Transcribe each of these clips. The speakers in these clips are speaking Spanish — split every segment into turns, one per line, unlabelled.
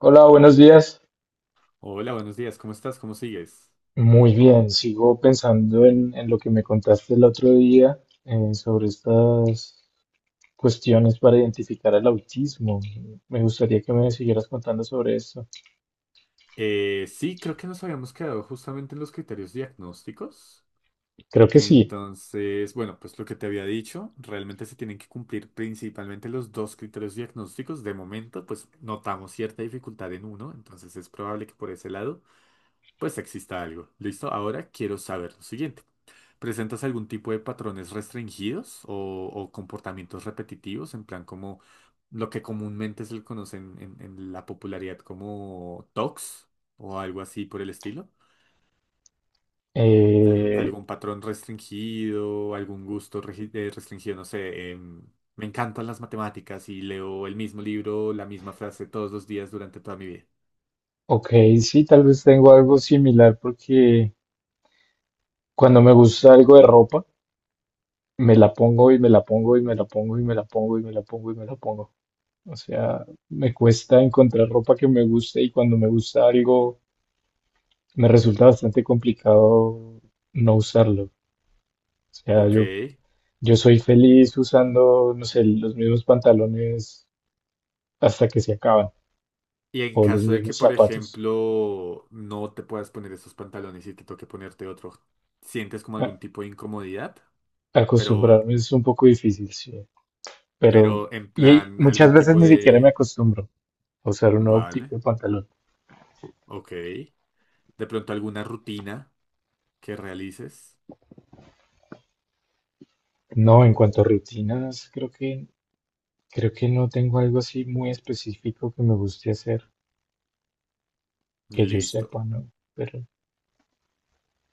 Hola, buenos días.
Hola, buenos días, ¿cómo estás? ¿Cómo sigues?
Muy bien, sigo pensando en lo que me contaste el otro día sobre estas cuestiones para identificar el autismo. Me gustaría que me siguieras contando sobre eso.
Sí, creo que nos habíamos quedado justamente en los criterios diagnósticos.
Creo que sí.
Entonces, bueno, pues lo que te había dicho, realmente se tienen que cumplir principalmente los dos criterios diagnósticos. De momento, pues notamos cierta dificultad en uno, entonces es probable que por ese lado pues exista algo. ¿Listo? Ahora quiero saber lo siguiente. ¿Presentas algún tipo de patrones restringidos o comportamientos repetitivos? En plan, como lo que comúnmente se le conoce en la popularidad como TOCs o algo así por el estilo.
Eh,
¿Algún patrón restringido, algún gusto restringido? No sé, me encantan las matemáticas y leo el mismo libro, la misma frase todos los días durante toda mi vida.
ok, sí, tal vez tengo algo similar porque cuando me gusta algo de ropa, me la pongo y me la pongo y me la pongo y me la pongo y me la pongo y me la pongo. O sea, me cuesta encontrar ropa que me guste y cuando me gusta algo me resulta bastante complicado no usarlo. O sea,
Ok.
yo soy feliz usando, no sé, los mismos pantalones hasta que se acaban
Y en
o los
caso de que,
mismos
por
zapatos.
ejemplo, no te puedas poner esos pantalones y te toque ponerte otro, ¿sientes como
A-
algún tipo de incomodidad? Pero,
Acostumbrarme es un poco difícil, sí. Pero
pero en
y
plan,
muchas
algún
veces
tipo
ni siquiera me
de.
acostumbro a usar un nuevo tipo
Vale,
de pantalón.
ok. De pronto alguna rutina que realices.
No, en cuanto a rutinas, creo que no tengo algo así muy específico que me guste hacer, que yo
Listo.
sepa, ¿no? Pero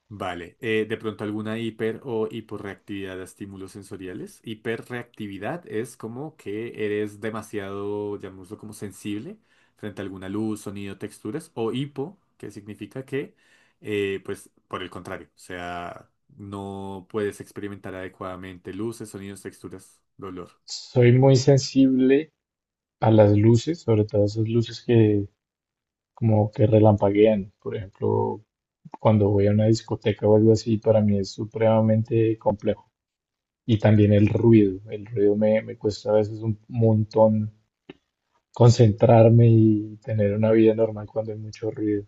Vale, de pronto alguna hiper o hiporreactividad a estímulos sensoriales. Hiperreactividad es como que eres demasiado, llamémoslo como sensible frente a alguna luz, sonido, texturas, o hipo, que significa que, pues, por el contrario, o sea, no puedes experimentar adecuadamente luces, sonidos, texturas, dolor.
soy muy sensible a las luces, sobre todo esas luces que como que relampaguean. Por ejemplo, cuando voy a una discoteca o algo así, para mí es supremamente complejo. Y también el ruido. El me cuesta a veces un montón concentrarme y tener una vida normal cuando hay mucho ruido.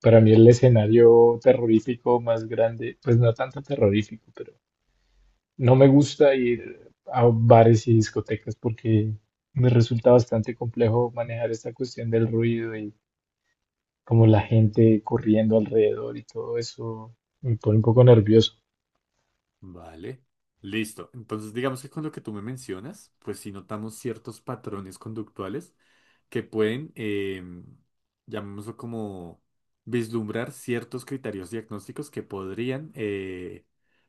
Para mí el escenario terrorífico más grande, pues no tanto terrorífico, pero no me gusta ir a bares y discotecas porque me resulta bastante complejo manejar esta cuestión del ruido y como la gente corriendo alrededor y todo eso me pone un poco nervioso.
Vale, listo. Entonces, digamos que con lo que tú me mencionas, pues sí notamos ciertos patrones conductuales que pueden, llamémoslo como, vislumbrar ciertos criterios diagnósticos que podrían,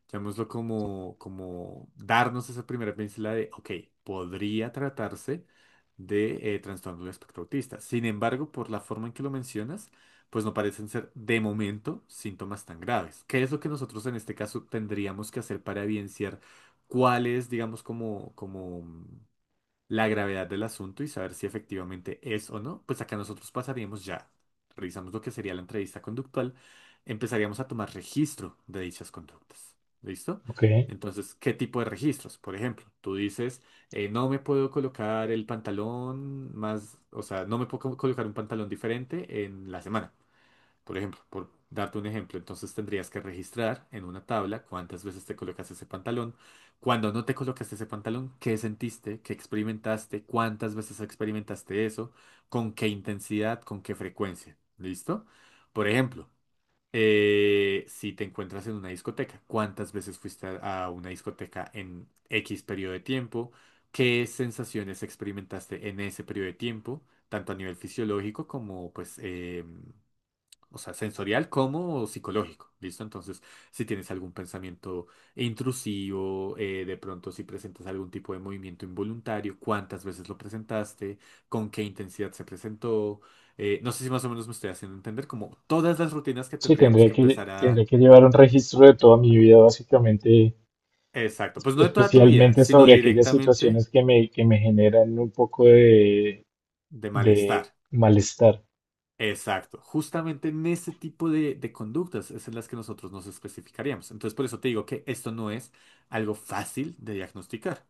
llamémoslo como, darnos esa primera pincelada de, ok, podría tratarse de trastorno del espectro autista. Sin embargo, por la forma en que lo mencionas, pues no parecen ser de momento síntomas tan graves. ¿Qué es lo que nosotros en este caso tendríamos que hacer para evidenciar cuál es, digamos, como la gravedad del asunto y saber si efectivamente es o no, pues acá nosotros pasaríamos ya, revisamos lo que sería la entrevista conductual, empezaríamos a tomar registro de dichas conductas. ¿Listo?
¿Ok?
Entonces, ¿qué tipo de registros? Por ejemplo, tú dices, no me puedo colocar el pantalón más, o sea, no me puedo colocar un pantalón diferente en la semana. Por ejemplo, por darte un ejemplo, entonces tendrías que registrar en una tabla cuántas veces te colocaste ese pantalón, cuando no te colocaste ese pantalón, qué sentiste, qué experimentaste, cuántas veces experimentaste eso, con qué intensidad, con qué frecuencia. ¿Listo? Por ejemplo, si te encuentras en una discoteca, cuántas veces fuiste a una discoteca en X periodo de tiempo, qué sensaciones experimentaste en ese periodo de tiempo, tanto a nivel fisiológico como pues, o sea, sensorial como psicológico, ¿listo? Entonces, si tienes algún pensamiento intrusivo, de pronto si presentas algún tipo de movimiento involuntario, cuántas veces lo presentaste, con qué intensidad se presentó, no sé si más o menos me estoy haciendo entender, como todas las rutinas que
Sí,
tendríamos que empezar
tendría
a.
que llevar un registro de toda mi vida, básicamente,
Exacto, pues no de toda tu vida,
especialmente
sino
sobre aquellas
directamente
situaciones que me generan un poco
de
de
malestar.
malestar.
Exacto, justamente en ese tipo de conductas es en las que nosotros nos especificaríamos. Entonces, por eso te digo que esto no es algo fácil de diagnosticar.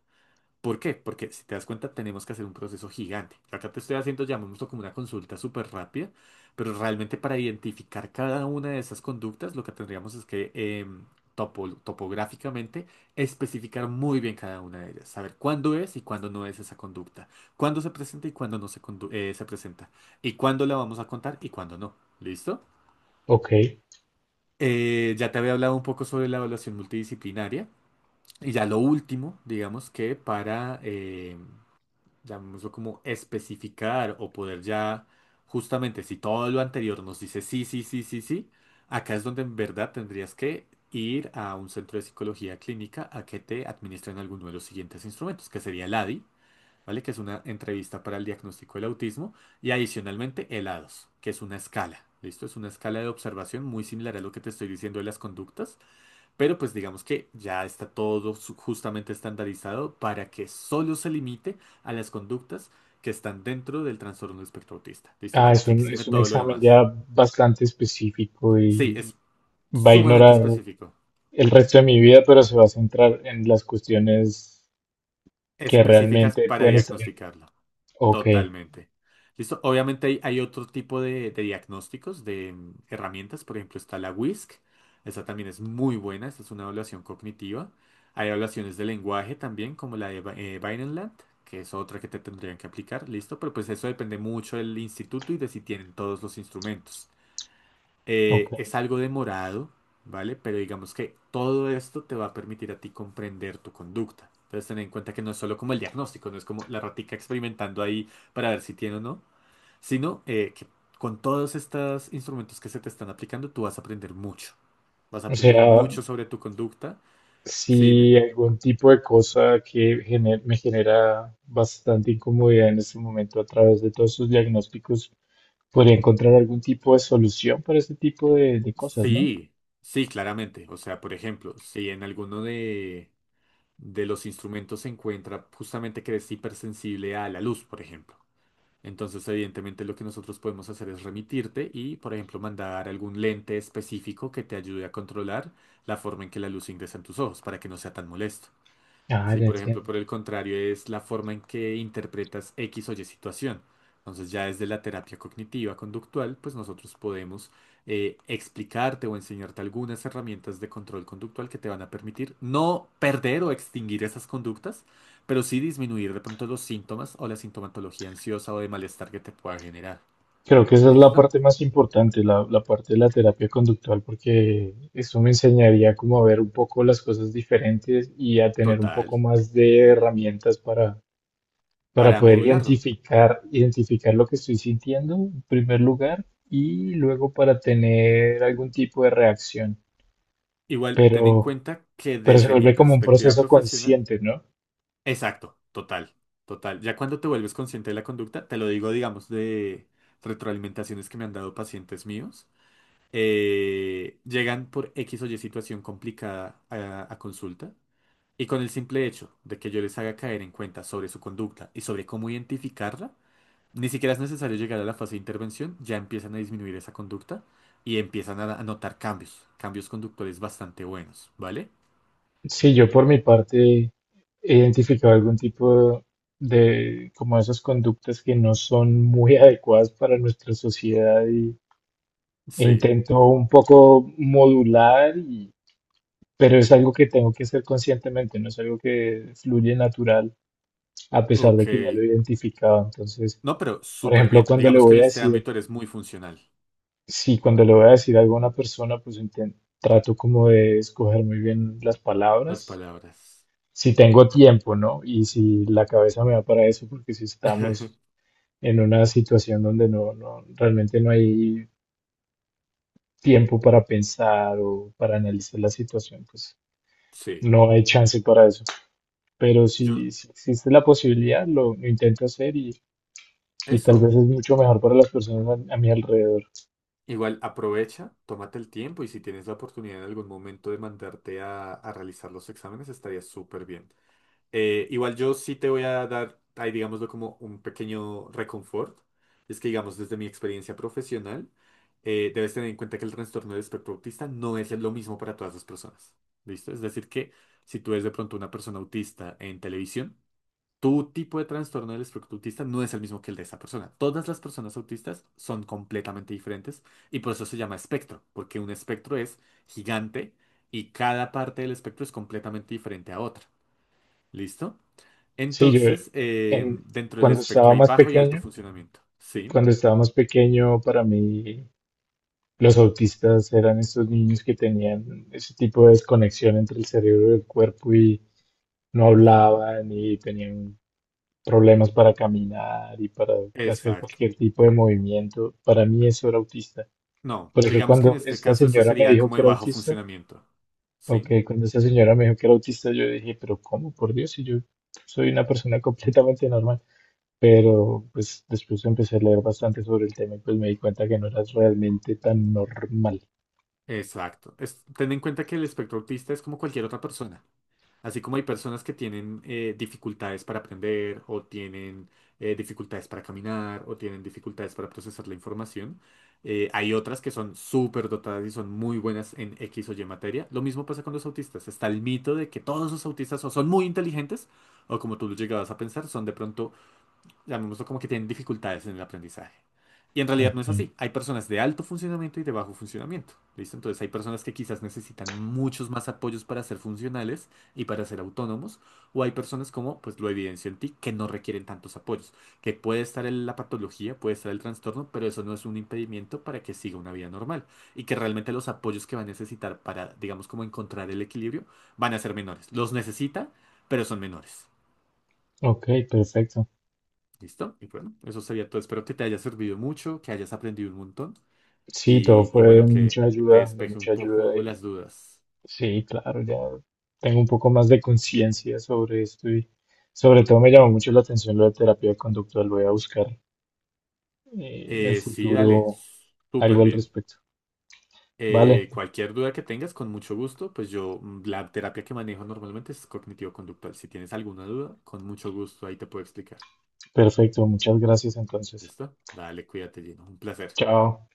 ¿Por qué? Porque si te das cuenta, tenemos que hacer un proceso gigante. Acá te estoy haciendo, llamémoslo como una consulta súper rápida, pero realmente para identificar cada una de esas conductas, lo que tendríamos es que topográficamente especificar muy bien cada una de ellas, saber cuándo es y cuándo no es esa conducta, cuándo se presenta y cuándo no se, se presenta, y cuándo la vamos a contar y cuándo no. ¿Listo?
¿Ok?
Ya te había hablado un poco sobre la evaluación multidisciplinaria. Y ya lo último, digamos que para llamémoslo como especificar o poder ya, justamente si todo lo anterior nos dice sí, sí, sí, sí, sí, acá es donde en verdad tendrías que ir a un centro de psicología clínica a que te administren alguno de los siguientes instrumentos, que sería el ADI, ¿vale? Que es una entrevista para el diagnóstico del autismo, y adicionalmente el ADOS, que es una escala, ¿listo? Es una escala de observación muy similar a lo que te estoy diciendo de las conductas, pero pues digamos que ya está todo justamente estandarizado para que solo se limite a las conductas que están dentro del trastorno del espectro autista. ¿Listo?
Ah,
Como que exime
es un
todo lo
examen
demás.
ya bastante específico
Sí,
y
es
va a
sumamente
ignorar
específico.
el resto de mi vida, pero se va a centrar en las cuestiones que
Específicas
realmente
para
pueden estar en...
diagnosticarlo.
Ok,
Totalmente. Listo. Obviamente hay otro tipo de diagnósticos, de herramientas. Por ejemplo, está la WISC. Esa también es muy buena. Esta es una evaluación cognitiva. Hay evaluaciones de lenguaje también, como la de Vineland, que es otra que te tendrían que aplicar. Listo. Pero pues eso depende mucho del instituto y de si tienen todos los instrumentos.
ok.
Es algo demorado, ¿vale? Pero digamos que todo esto te va a permitir a ti comprender tu conducta. Entonces, ten en cuenta que no es solo como el diagnóstico, no es como la ratica experimentando ahí para ver si tiene o no, sino que con todos estos instrumentos que se te están aplicando, tú vas a aprender mucho. Vas a
O
aprender
sea,
mucho sobre tu conducta. Sí, dime.
si algún tipo de cosa que me genera bastante incomodidad en este momento a través de todos sus diagnósticos, podría encontrar algún tipo de solución para ese tipo de cosas, ¿no?
Sí, sí, claramente. O sea, por ejemplo, si en alguno de los instrumentos se encuentra justamente que eres hipersensible a la luz, por ejemplo. Entonces, evidentemente, lo que nosotros podemos hacer es remitirte y, por ejemplo, mandar algún lente específico que te ayude a controlar la forma en que la luz ingresa en tus ojos para que no sea tan molesto.
Ah,
Si,
ya
por ejemplo,
entiendo.
por el contrario, es la forma en que interpretas X o Y situación. Entonces, ya desde la terapia cognitiva conductual, pues nosotros podemos explicarte o enseñarte algunas herramientas de control conductual que te van a permitir no perder o extinguir esas conductas, pero sí disminuir de pronto los síntomas o la sintomatología ansiosa o de malestar que te pueda generar.
Creo que esa es la
¿Listo?
parte más importante, la parte de la terapia conductual, porque eso me enseñaría como a ver un poco las cosas diferentes y a tener un
Total,
poco más de herramientas para
para
poder
modularlo.
identificar, identificar lo que estoy sintiendo en primer lugar y luego para tener algún tipo de reacción.
Igual, ten en
Pero,
cuenta que
pero se
desde mi
vuelve como un
perspectiva
proceso
profesional.
consciente, ¿no?
Exacto, total, total. Ya cuando te vuelves consciente de la conducta, te lo digo, digamos, de retroalimentaciones que me han dado pacientes míos, llegan por X o Y situación complicada a consulta y con el simple hecho de que yo les haga caer en cuenta sobre su conducta y sobre cómo identificarla, ni siquiera es necesario llegar a la fase de intervención, ya empiezan a disminuir esa conducta y empiezan a notar cambios, cambios conductuales bastante buenos, ¿vale?
Sí, yo por mi parte he identificado algún tipo de, como esas conductas que no son muy adecuadas para nuestra sociedad y, e
Sí,
intento un poco modular, y, pero es algo que tengo que hacer conscientemente, no es algo que fluye natural a pesar
ok.
de que ya lo he identificado. Entonces,
No, pero
por
súper
ejemplo,
bien.
cuando le
Digamos que en
voy a
este
decir,
ámbito eres muy funcional.
sí, cuando le voy a decir algo a una persona, pues trato como de escoger muy bien las
Las
palabras,
palabras.
si tengo tiempo, ¿no? Y si la cabeza me va para eso, porque si estamos en una situación donde realmente no hay tiempo para pensar o para analizar la situación, pues
Sí.
no hay chance para eso. Pero
Yo,
si, si existe la posibilidad, lo intento hacer y tal vez
eso.
es mucho mejor para las personas a mi alrededor.
Igual aprovecha, tómate el tiempo y si tienes la oportunidad en algún momento de mandarte a realizar los exámenes, estaría súper bien. Igual yo sí te voy a dar, ahí digámoslo como un pequeño reconfort. Es que digamos desde mi experiencia profesional, debes tener en cuenta que el trastorno del espectro autista no es lo mismo para todas las personas. ¿Listo? Es decir que si tú eres de pronto una persona autista en televisión, tu tipo de trastorno del espectro autista no es el mismo que el de esa persona. Todas las personas autistas son completamente diferentes y por eso se llama espectro, porque un espectro es gigante y cada parte del espectro es completamente diferente a otra. ¿Listo?
Sí, yo
Entonces,
en,
dentro del
cuando
espectro
estaba
hay
más
bajo y alto
pequeño,
funcionamiento. Sí.
cuando estaba más pequeño, para mí los autistas eran estos niños que tenían ese tipo de desconexión entre el cerebro y el cuerpo y no
Ujú.
hablaban y tenían problemas para caminar y para hacer
Exacto.
cualquier tipo de movimiento. Para mí eso era autista.
No,
Porque
digamos que en
cuando
este
esta
caso eso
señora me
sería
dijo
como
que
de
era
bajo
autista,
funcionamiento.
o
Sí.
que cuando esta señora me dijo que era autista, yo dije, pero ¿cómo? Por Dios, si yo soy una persona completamente normal. Pero pues después empecé a leer bastante sobre el tema y pues me di cuenta que no era realmente tan normal.
Exacto. Ten en cuenta que el espectro autista es como cualquier otra persona. Así como hay personas que tienen dificultades para aprender o tienen dificultades para caminar o tienen dificultades para procesar la información, hay otras que son súper dotadas y son muy buenas en X o Y materia. Lo mismo pasa con los autistas. Está el mito de que todos los autistas o son muy inteligentes o como tú lo llegabas a pensar, son de pronto llamémoslo como que tienen dificultades en el aprendizaje. Y en realidad
Ok,
no es así. Hay personas de alto funcionamiento y de bajo funcionamiento. ¿Listo? Entonces hay personas que quizás necesitan muchos más apoyos para ser funcionales y para ser autónomos. O hay personas como, pues lo evidencio en ti, que no requieren tantos apoyos. Que puede estar en la patología, puede estar el trastorno, pero eso no es un impedimento para que siga una vida normal. Y que realmente los apoyos que va a necesitar para, digamos, como encontrar el equilibrio, van a ser menores. Los necesita, pero son menores.
ok, perfecto.
¿Listo? Y bueno, eso sería todo. Espero que te haya servido mucho, que hayas aprendido un montón
Sí, todo
y
fue
bueno, que, que te
de
despeje un
mucha ayuda
poco las
y
dudas.
sí, claro, ya tengo un poco más de conciencia sobre esto y sobre todo me llamó mucho la atención lo de terapia conductual. Voy a buscar en el
Sí,
futuro
dale,
algo
súper
al
bien.
respecto. Vale,
Cualquier duda que tengas, con mucho gusto, pues yo, la terapia que manejo normalmente es cognitivo-conductual. Si tienes alguna duda, con mucho gusto ahí te puedo explicar.
perfecto, muchas gracias entonces.
¿Listo? Dale, cuídate, Gino. Un placer.
Chao.